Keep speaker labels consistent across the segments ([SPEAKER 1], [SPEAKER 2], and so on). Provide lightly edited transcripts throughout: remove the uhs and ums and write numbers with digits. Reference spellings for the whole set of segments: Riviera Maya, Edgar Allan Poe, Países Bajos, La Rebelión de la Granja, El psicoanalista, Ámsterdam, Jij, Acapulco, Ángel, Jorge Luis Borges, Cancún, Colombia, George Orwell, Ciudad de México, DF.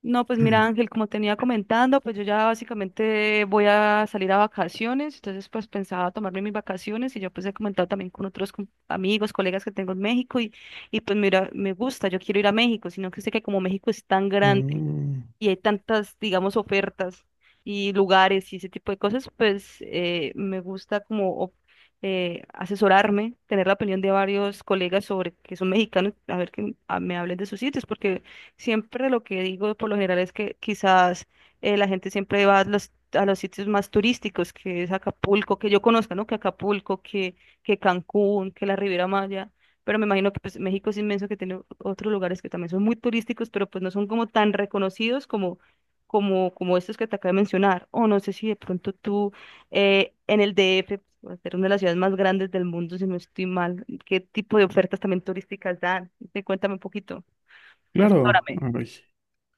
[SPEAKER 1] No, pues mira, Ángel, como tenía comentando, pues yo ya básicamente voy a salir a vacaciones, entonces pues pensaba tomarme mis vacaciones y yo pues he comentado también con otros amigos, colegas que tengo en México y pues mira, me gusta, yo quiero ir a México, sino que sé que como México es tan grande,
[SPEAKER 2] Mm.
[SPEAKER 1] y hay tantas, digamos, ofertas y lugares y ese tipo de cosas, pues me gusta asesorarme, tener la opinión de varios colegas sobre que son mexicanos, a ver que me hablen de sus sitios, porque siempre lo que digo por lo general es que quizás la gente siempre va a los sitios más turísticos, que es Acapulco, que yo conozca, ¿no? Que Acapulco, que Cancún, que la Riviera Maya. Pero me imagino que pues, México es inmenso, que tiene otros lugares que también son muy turísticos, pero pues no son como tan reconocidos como, como estos que te acabo de mencionar. O no sé si de pronto tú en el DF, por ser una de las ciudades más grandes del mundo, si no estoy mal, ¿qué tipo de ofertas también turísticas dan? Sí, cuéntame un poquito,
[SPEAKER 2] Claro,
[SPEAKER 1] asesórame.
[SPEAKER 2] ay,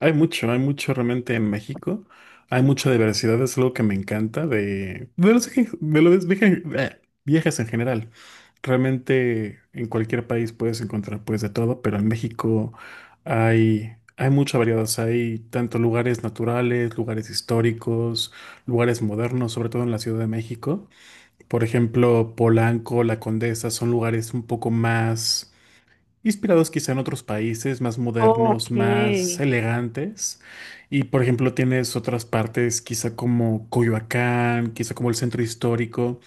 [SPEAKER 2] hay mucho realmente en México. Hay mucha diversidad, es algo que me encanta de los viajes en general. Realmente en cualquier país puedes encontrar pues de todo, pero en México hay mucha variedad. O sea, hay tanto lugares naturales, lugares históricos, lugares modernos, sobre todo en la Ciudad de México. Por ejemplo, Polanco, La Condesa son lugares un poco más inspirados quizá en otros países más
[SPEAKER 1] Ok.
[SPEAKER 2] modernos, más elegantes. Y por ejemplo, tienes otras partes, quizá como Coyoacán, quizá como el centro histórico,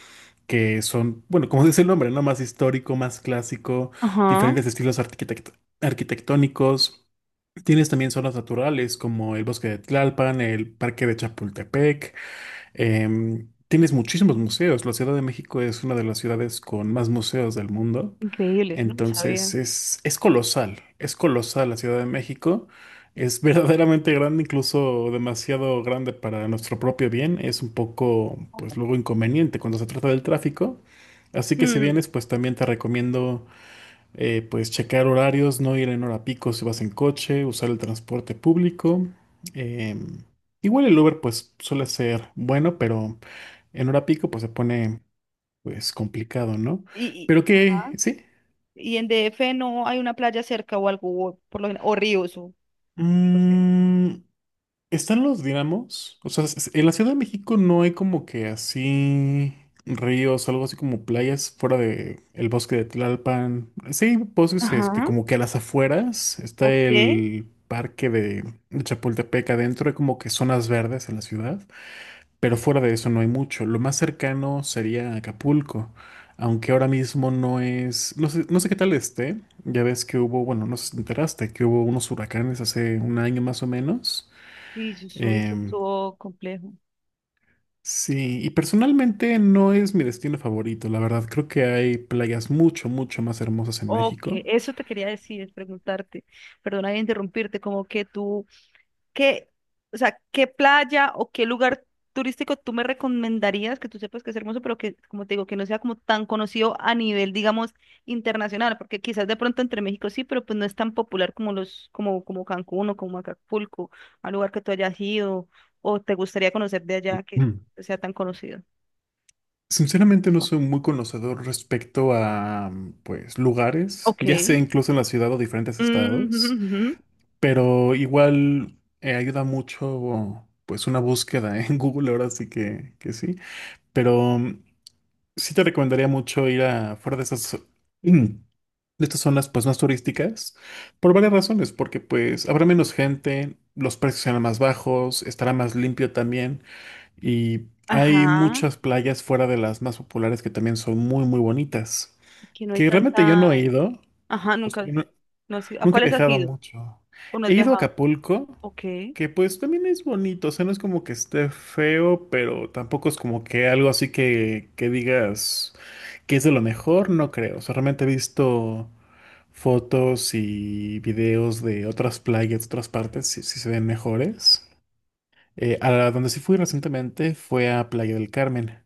[SPEAKER 2] que son, bueno, como dice el nombre, ¿no? Más histórico, más clásico,
[SPEAKER 1] Ajá.
[SPEAKER 2] diferentes estilos arquitectónicos. Tienes también zonas naturales como el bosque de Tlalpan, el parque de Chapultepec. Tienes muchísimos museos. La Ciudad de México es una de las ciudades con más museos del mundo.
[SPEAKER 1] Increíbles, no lo sabía.
[SPEAKER 2] Entonces es colosal, es colosal la Ciudad de México, es verdaderamente grande, incluso demasiado grande para nuestro propio bien, es un poco, pues luego inconveniente cuando se trata del tráfico, así que si
[SPEAKER 1] Mm.
[SPEAKER 2] vienes, pues también te recomiendo, pues checar horarios, no ir en hora pico si vas en coche, usar el transporte público, em, igual el Uber pues suele ser bueno, pero en hora pico pues se pone pues complicado, ¿no?
[SPEAKER 1] Y,
[SPEAKER 2] Pero
[SPEAKER 1] y-
[SPEAKER 2] que, sí.
[SPEAKER 1] ¿Y en DF no hay una playa cerca o algo, o, o ríos? O, no sé.
[SPEAKER 2] Mm, ¿están los dinamos? O sea, en la Ciudad de México no hay como que así ríos, algo así como playas fuera de el bosque de Tlalpan. Sí, hay bosques, este,
[SPEAKER 1] Ajá.
[SPEAKER 2] como que a las afueras está
[SPEAKER 1] Ok.
[SPEAKER 2] el parque de Chapultepec adentro, hay como que zonas verdes en la ciudad. Pero fuera de eso no hay mucho. Lo más cercano sería Acapulco, aunque ahora mismo no es, no sé, no sé qué tal esté. Ya ves que hubo, bueno, no sé si te enteraste, que hubo unos huracanes hace un año más o menos.
[SPEAKER 1] Sí, yo subí que
[SPEAKER 2] Em,
[SPEAKER 1] estuvo complejo.
[SPEAKER 2] sí, y personalmente no es mi destino favorito, la verdad. Creo que hay playas mucho, mucho más hermosas en
[SPEAKER 1] Ok,
[SPEAKER 2] México.
[SPEAKER 1] eso te quería decir, preguntarte. Perdona de interrumpirte, como que tú, ¿Qué, o sea, ¿qué playa o qué lugar turístico tú me recomendarías que tú sepas que es hermoso, pero que, como te digo, que no sea como tan conocido a nivel, digamos, internacional? Porque quizás de pronto entre México sí, pero pues no es tan popular como como Cancún o como Acapulco, al lugar que tú hayas ido o te gustaría conocer de allá que
[SPEAKER 2] Mm.
[SPEAKER 1] sea tan conocido.
[SPEAKER 2] Sinceramente no soy muy conocedor respecto a, pues, lugares,
[SPEAKER 1] Ok.
[SPEAKER 2] ya sea incluso en la ciudad o diferentes
[SPEAKER 1] Mm,
[SPEAKER 2] estados.
[SPEAKER 1] ujú.
[SPEAKER 2] Pero igual ayuda mucho, pues, una búsqueda ¿eh? En Google, ahora sí que sí. Pero sí te recomendaría mucho ir a fuera de mm, de estas zonas, pues, más turísticas, por varias razones, porque, pues, habrá menos gente, los precios serán más bajos, estará más limpio también, y hay
[SPEAKER 1] Ajá.
[SPEAKER 2] muchas playas fuera de las más populares que también son muy, muy bonitas,
[SPEAKER 1] Y que no hay
[SPEAKER 2] que realmente yo no he
[SPEAKER 1] tanta.
[SPEAKER 2] ido.
[SPEAKER 1] Ajá,
[SPEAKER 2] O sea,
[SPEAKER 1] nunca.
[SPEAKER 2] yo no-
[SPEAKER 1] No has ido. ¿A
[SPEAKER 2] nunca he
[SPEAKER 1] cuáles has
[SPEAKER 2] viajado
[SPEAKER 1] ido?
[SPEAKER 2] mucho.
[SPEAKER 1] ¿O no has
[SPEAKER 2] He ido a
[SPEAKER 1] viajado?
[SPEAKER 2] Acapulco,
[SPEAKER 1] Ok.
[SPEAKER 2] que pues también es bonito, o sea, no es como que esté feo, pero tampoco es como que algo así que digas que es de lo mejor, no creo. O sea, realmente he visto fotos y videos de otras playas, de otras partes, si se ven mejores. Donde sí fui recientemente fue a Playa del Carmen.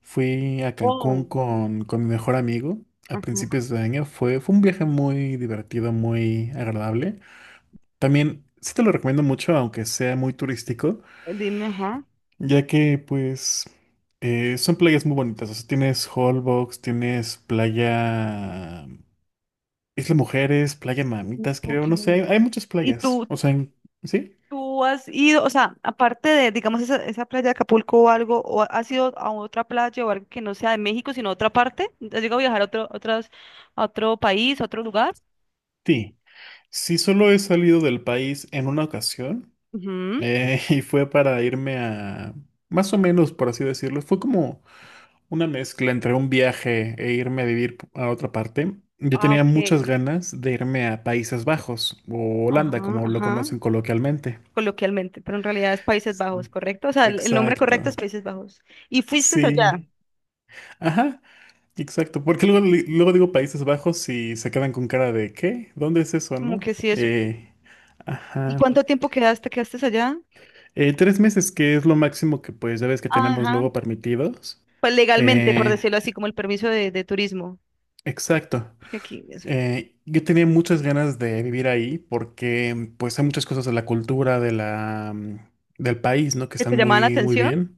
[SPEAKER 2] Fui a Cancún
[SPEAKER 1] Oh.
[SPEAKER 2] con mi mejor amigo a
[SPEAKER 1] Ajá,
[SPEAKER 2] principios de año. Fue un viaje muy divertido, muy agradable. También sí te lo recomiendo mucho, aunque sea muy turístico,
[SPEAKER 1] dime, ajá.
[SPEAKER 2] ya que pues son playas muy bonitas. O sea, tienes Holbox, tienes playa Isla Mujeres, playa Mamitas,
[SPEAKER 1] Ok.
[SPEAKER 2] creo, no sé, hay muchas
[SPEAKER 1] ¿Y
[SPEAKER 2] playas.
[SPEAKER 1] tú,
[SPEAKER 2] O sea, sí,
[SPEAKER 1] tú has ido, o sea, aparte de, digamos, esa playa de Acapulco o algo, o has ido a otra playa o algo que no sea de México, sino a otra parte? ¿Has llegado a viajar a otro, otras, a otro país, a otro lugar?
[SPEAKER 2] sí. Sí, solo he salido del país en una ocasión
[SPEAKER 1] Ujú.
[SPEAKER 2] y fue para irme a, más o menos, por así decirlo, fue como una mezcla entre un viaje e irme a vivir a otra parte. Yo
[SPEAKER 1] Ah,
[SPEAKER 2] tenía
[SPEAKER 1] ok.
[SPEAKER 2] muchas ganas de irme a Países Bajos o Holanda,
[SPEAKER 1] Ajá,
[SPEAKER 2] como lo
[SPEAKER 1] ajá,
[SPEAKER 2] conocen coloquialmente.
[SPEAKER 1] coloquialmente, pero en realidad es Países Bajos,
[SPEAKER 2] Sí.
[SPEAKER 1] ¿correcto? O sea, el nombre
[SPEAKER 2] Exacto.
[SPEAKER 1] correcto es Países Bajos. ¿Y fuiste allá?
[SPEAKER 2] Sí. Ajá, exacto. Porque luego, luego digo Países Bajos y se quedan con cara de ¿qué? ¿Dónde es eso,
[SPEAKER 1] Como
[SPEAKER 2] no?
[SPEAKER 1] que sí, eso. ¿Y
[SPEAKER 2] Ajá.
[SPEAKER 1] cuánto tiempo quedaste allá?
[SPEAKER 2] 3 meses, que es lo máximo que pues ya ves que tenemos
[SPEAKER 1] Ajá,
[SPEAKER 2] luego permitidos.
[SPEAKER 1] pues legalmente, por
[SPEAKER 2] Eh,
[SPEAKER 1] decirlo así, como el permiso de turismo.
[SPEAKER 2] exacto.
[SPEAKER 1] Aquí, eso,
[SPEAKER 2] Yo tenía muchas ganas de vivir ahí porque pues hay muchas cosas de la cultura del país, ¿no? Que
[SPEAKER 1] que
[SPEAKER 2] están
[SPEAKER 1] te llamaba la
[SPEAKER 2] muy, muy
[SPEAKER 1] atención
[SPEAKER 2] bien.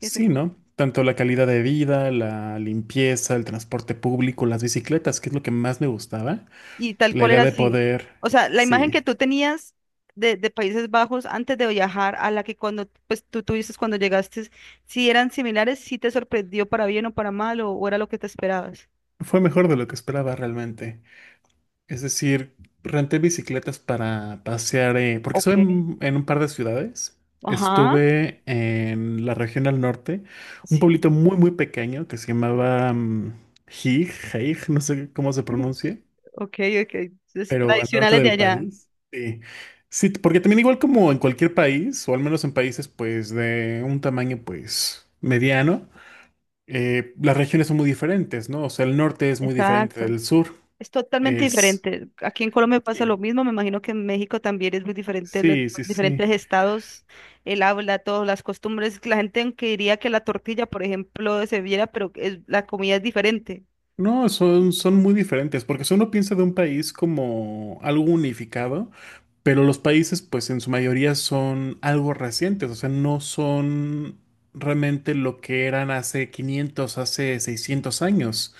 [SPEAKER 1] que te
[SPEAKER 2] ¿no? Tanto la calidad de vida, la limpieza, el transporte público, las bicicletas, que es lo que más me gustaba.
[SPEAKER 1] y tal
[SPEAKER 2] La
[SPEAKER 1] cual
[SPEAKER 2] idea
[SPEAKER 1] era
[SPEAKER 2] de
[SPEAKER 1] así.
[SPEAKER 2] poder,
[SPEAKER 1] O sea, la imagen
[SPEAKER 2] sí,
[SPEAKER 1] que tú tenías de Países Bajos antes de viajar a la que cuando pues tú tuviste cuando llegaste, si eran similares, si te sorprendió para bien o para mal o era lo que te esperabas.
[SPEAKER 2] fue mejor de lo que esperaba realmente. Es decir, renté bicicletas para pasear, porque estuve
[SPEAKER 1] Ok.
[SPEAKER 2] en un par de ciudades.
[SPEAKER 1] Ajá,
[SPEAKER 2] Estuve en la región al norte, un
[SPEAKER 1] sí,
[SPEAKER 2] pueblito muy, muy pequeño que se llamaba Jij, Jij, no sé cómo se pronuncia,
[SPEAKER 1] ok, ok. Entonces,
[SPEAKER 2] pero al norte
[SPEAKER 1] tradicionales de
[SPEAKER 2] del
[SPEAKER 1] allá.
[SPEAKER 2] país. Sí. Sí, porque también igual como en cualquier país, o al menos en países pues de un tamaño pues mediano, las regiones son muy diferentes, ¿no? O sea, el norte es muy diferente
[SPEAKER 1] Exacto.
[SPEAKER 2] del sur.
[SPEAKER 1] Es totalmente
[SPEAKER 2] Es...
[SPEAKER 1] diferente. Aquí en Colombia pasa
[SPEAKER 2] Sí,
[SPEAKER 1] lo mismo. Me imagino que en México también es muy diferente, los
[SPEAKER 2] sí, sí. Sí.
[SPEAKER 1] diferentes estados, el habla, todas las costumbres. La gente aunque diría que la tortilla, por ejemplo, se viera, pero la comida es diferente.
[SPEAKER 2] No, son muy diferentes, porque si uno piensa de un país como algo unificado, pero los países pues en su mayoría son algo recientes, o sea, no son realmente lo que eran hace 500, hace 600 años.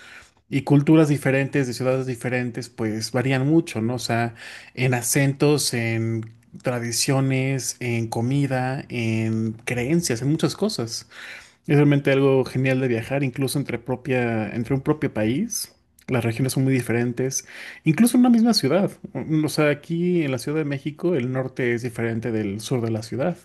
[SPEAKER 2] Y culturas diferentes, de ciudades diferentes, pues varían mucho, ¿no? O sea, en acentos, en tradiciones, en comida, en creencias, en muchas cosas. Es realmente algo genial de viajar, incluso entre un propio país. Las regiones son muy diferentes, incluso en una misma ciudad. O sea, aquí en la Ciudad de México, el norte es diferente del sur de la ciudad.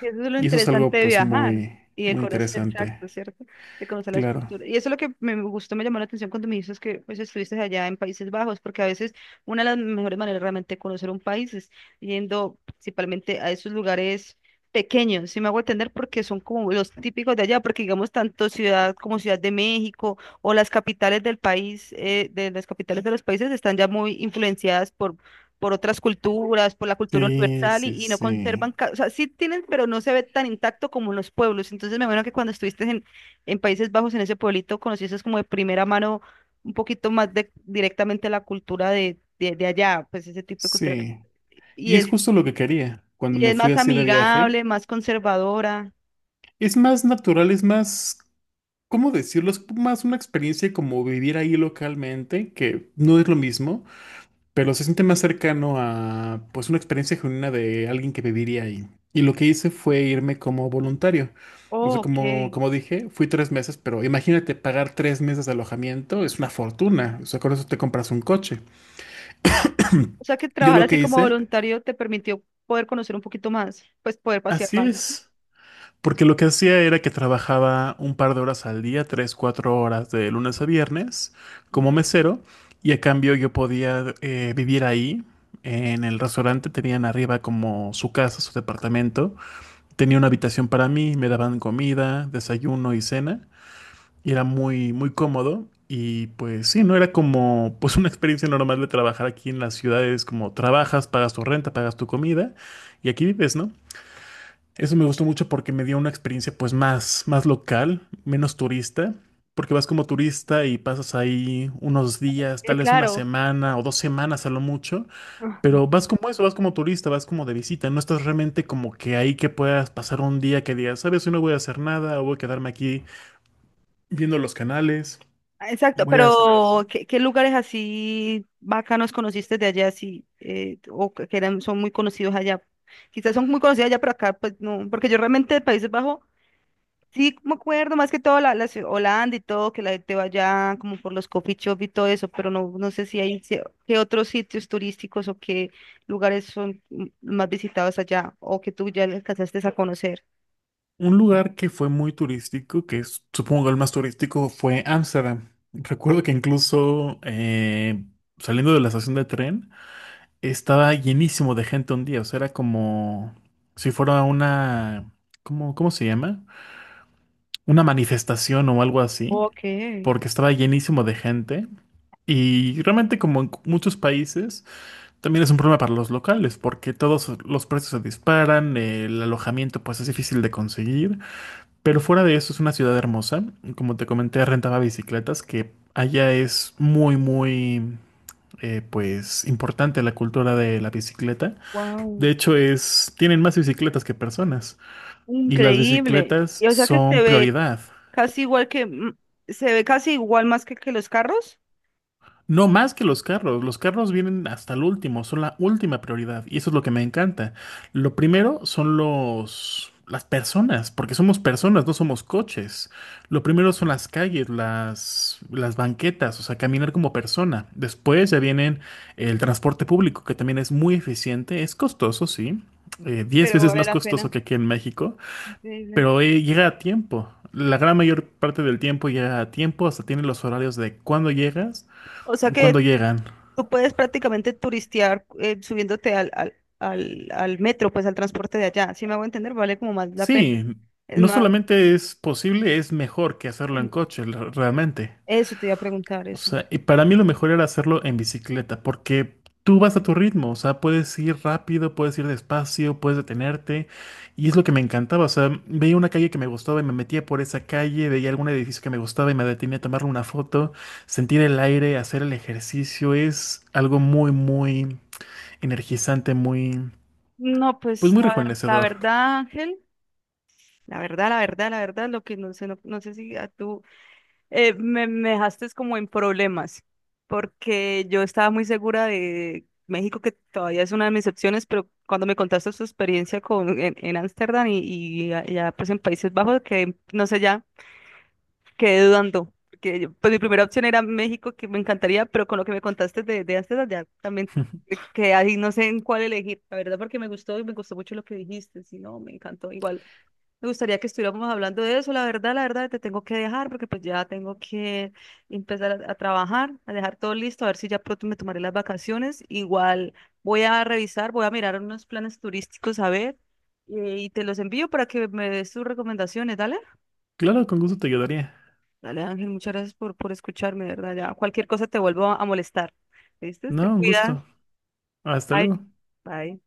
[SPEAKER 1] Y eso es lo
[SPEAKER 2] Y eso es
[SPEAKER 1] interesante
[SPEAKER 2] algo,
[SPEAKER 1] de
[SPEAKER 2] pues,
[SPEAKER 1] viajar
[SPEAKER 2] muy,
[SPEAKER 1] y de
[SPEAKER 2] muy
[SPEAKER 1] conocer,
[SPEAKER 2] interesante.
[SPEAKER 1] exacto, ¿cierto? De conocer las
[SPEAKER 2] Claro.
[SPEAKER 1] culturas. Y eso es lo que me gustó, me llamó la atención cuando me dices que pues estuviste allá en Países Bajos, porque a veces una de las mejores maneras realmente de conocer un país es yendo principalmente a esos lugares pequeños, si me hago entender, porque son como los típicos de allá, porque digamos tanto ciudad como Ciudad de México o las capitales del país, de las capitales de los países están ya muy influenciadas por otras culturas, por la cultura
[SPEAKER 2] Sí,
[SPEAKER 1] universal
[SPEAKER 2] sí,
[SPEAKER 1] y no
[SPEAKER 2] sí.
[SPEAKER 1] conservan, o sea, sí tienen, pero no se ve tan intacto como en los pueblos. Entonces me imagino que cuando estuviste en Países Bajos, en ese pueblito, conociste como de primera mano un poquito más de, directamente la cultura de allá, pues ese tipo de cultura. Que
[SPEAKER 2] Sí.
[SPEAKER 1] y
[SPEAKER 2] Y es
[SPEAKER 1] es,
[SPEAKER 2] justo lo que quería cuando
[SPEAKER 1] y
[SPEAKER 2] me
[SPEAKER 1] es
[SPEAKER 2] fui
[SPEAKER 1] más
[SPEAKER 2] así de viaje.
[SPEAKER 1] amigable, más conservadora.
[SPEAKER 2] Es más natural, es más, ¿cómo decirlo? Es más una experiencia como vivir ahí localmente, que no es lo mismo. Pero se siente más cercano a pues una experiencia genuina de alguien que viviría ahí. Y lo que hice fue irme como voluntario. O
[SPEAKER 1] Oh,
[SPEAKER 2] sea,
[SPEAKER 1] ok.
[SPEAKER 2] como dije, fui 3 meses, pero imagínate pagar 3 meses de alojamiento, es una fortuna. O sea, con eso te compras un coche.
[SPEAKER 1] O sea que
[SPEAKER 2] Yo
[SPEAKER 1] trabajar
[SPEAKER 2] lo
[SPEAKER 1] así
[SPEAKER 2] que
[SPEAKER 1] como
[SPEAKER 2] hice,
[SPEAKER 1] voluntario te permitió poder conocer un poquito más, pues poder pasear
[SPEAKER 2] así
[SPEAKER 1] más, ¿sí?
[SPEAKER 2] es. Porque lo que hacía era que trabajaba un par de horas al día, tres, 4 horas de lunes a viernes como mesero y a cambio yo podía vivir ahí. En el restaurante tenían arriba como su casa, su departamento. Tenía una habitación para mí, me daban comida, desayuno y cena. Y era muy, muy cómodo. Y pues sí, no era como pues una experiencia normal de trabajar aquí en las ciudades, como trabajas, pagas tu renta, pagas tu comida y aquí vives, ¿no? Eso me gustó mucho porque me dio una experiencia pues más, más local, menos turista, porque vas como turista y pasas ahí unos días, tal vez una
[SPEAKER 1] Claro.
[SPEAKER 2] semana o 2 semanas a lo mucho, pero vas como eso, vas como turista, vas como de visita, no estás realmente como que ahí que puedas pasar un día que digas, sabes, hoy no voy a hacer nada, o voy a quedarme aquí viendo los canales.
[SPEAKER 1] Ah, exacto,
[SPEAKER 2] Voy a hacer algo así.
[SPEAKER 1] pero ¿qué, qué lugares así bacanos conociste de allá, sí, o que eran, son muy conocidos allá? Quizás son muy conocidos allá, pero acá pues no, porque yo realmente de Países Bajos sí me acuerdo más que todo la, Holanda y todo, que la gente va allá como por los coffee shop y todo eso, pero no, no sé si hay si- qué otros sitios turísticos o qué lugares son mm, más visitados allá o que tú ya alcanzaste a conocer.
[SPEAKER 2] Un lugar que fue muy turístico, que es, supongo el más turístico, fue Ámsterdam. Recuerdo que incluso saliendo de la estación de tren, estaba llenísimo de gente un día, o sea, era como si fuera una, ¿cómo se llama? Una manifestación o algo así,
[SPEAKER 1] Ok,
[SPEAKER 2] porque estaba llenísimo de gente. Y realmente como en muchos países, también es un problema para los locales, porque todos los precios se disparan, el alojamiento pues es difícil de conseguir, pero fuera de eso es una ciudad hermosa, como te comenté, rentaba bicicletas, que allá es muy, muy, pues importante la cultura de la bicicleta.
[SPEAKER 1] wow.
[SPEAKER 2] De hecho, tienen más bicicletas que personas y las
[SPEAKER 1] Increíble.
[SPEAKER 2] bicicletas
[SPEAKER 1] Y, o sea que se
[SPEAKER 2] son
[SPEAKER 1] ve
[SPEAKER 2] prioridad.
[SPEAKER 1] casi igual que, mm, se ve casi igual más que los carros.
[SPEAKER 2] No más que los carros. Los carros vienen hasta el último, son la última prioridad y eso es lo que me encanta. Lo primero son los las personas, porque somos personas, no somos coches. Lo primero son las calles, las banquetas, o sea, caminar como persona. Después ya vienen el transporte público, que también es muy eficiente, es costoso, sí. 10
[SPEAKER 1] Pero
[SPEAKER 2] veces
[SPEAKER 1] vale
[SPEAKER 2] más
[SPEAKER 1] la
[SPEAKER 2] costoso
[SPEAKER 1] pena.
[SPEAKER 2] que aquí en México.
[SPEAKER 1] Increíble.
[SPEAKER 2] Pero llega a tiempo. La gran mayor parte del tiempo llega a tiempo, hasta tiene los horarios de cuándo llegas,
[SPEAKER 1] O sea
[SPEAKER 2] cuándo
[SPEAKER 1] que
[SPEAKER 2] llegan.
[SPEAKER 1] tú puedes prácticamente turistear subiéndote al metro, pues al transporte de allá. Si me hago entender, vale como más la pena.
[SPEAKER 2] Sí,
[SPEAKER 1] Es
[SPEAKER 2] no
[SPEAKER 1] más,
[SPEAKER 2] solamente es posible, es mejor que hacerlo en
[SPEAKER 1] eh,
[SPEAKER 2] coche, realmente.
[SPEAKER 1] eso te iba a preguntar,
[SPEAKER 2] O
[SPEAKER 1] eso.
[SPEAKER 2] sea, y para mí lo mejor era hacerlo en bicicleta, porque tú vas a tu ritmo, o sea, puedes ir rápido, puedes ir despacio, puedes detenerte, y es lo que me encantaba, o sea, veía una calle que me gustaba y me metía por esa calle, veía algún edificio que me gustaba y me detenía a tomarle una foto, sentir el aire, hacer el ejercicio, es algo muy, muy energizante, muy,
[SPEAKER 1] No,
[SPEAKER 2] pues
[SPEAKER 1] pues
[SPEAKER 2] muy
[SPEAKER 1] la, la
[SPEAKER 2] rejuvenecedor.
[SPEAKER 1] verdad, Ángel, la verdad, la verdad, la verdad, lo que no sé, no, no sé si a tú me, me dejaste como en problemas, porque yo estaba muy segura de México, que todavía es una de mis opciones, pero cuando me contaste su experiencia con, en Ámsterdam y, ya pues en Países Bajos, que no sé, ya quedé dudando, porque pues mi primera opción era México, que me encantaría, pero con lo que me contaste de Ámsterdam ya también que ahí no sé en cuál elegir, la verdad, porque me gustó y me gustó mucho lo que dijiste, si no, me encantó igual. Me gustaría que estuviéramos hablando de eso. La verdad, te tengo que dejar porque pues ya tengo que empezar a trabajar, a dejar todo listo, a ver si ya pronto me tomaré las vacaciones. Igual voy a revisar, voy a mirar unos planes turísticos a ver y te los envío para que me des tus recomendaciones. Dale,
[SPEAKER 2] Claro, con gusto te ayudaría.
[SPEAKER 1] dale Ángel, muchas gracias por escucharme, de verdad. Ya cualquier cosa te vuelvo a molestar. ¿Viste? Te
[SPEAKER 2] No, un
[SPEAKER 1] cuidas.
[SPEAKER 2] gusto. Hasta
[SPEAKER 1] Bye.
[SPEAKER 2] luego.
[SPEAKER 1] Bye.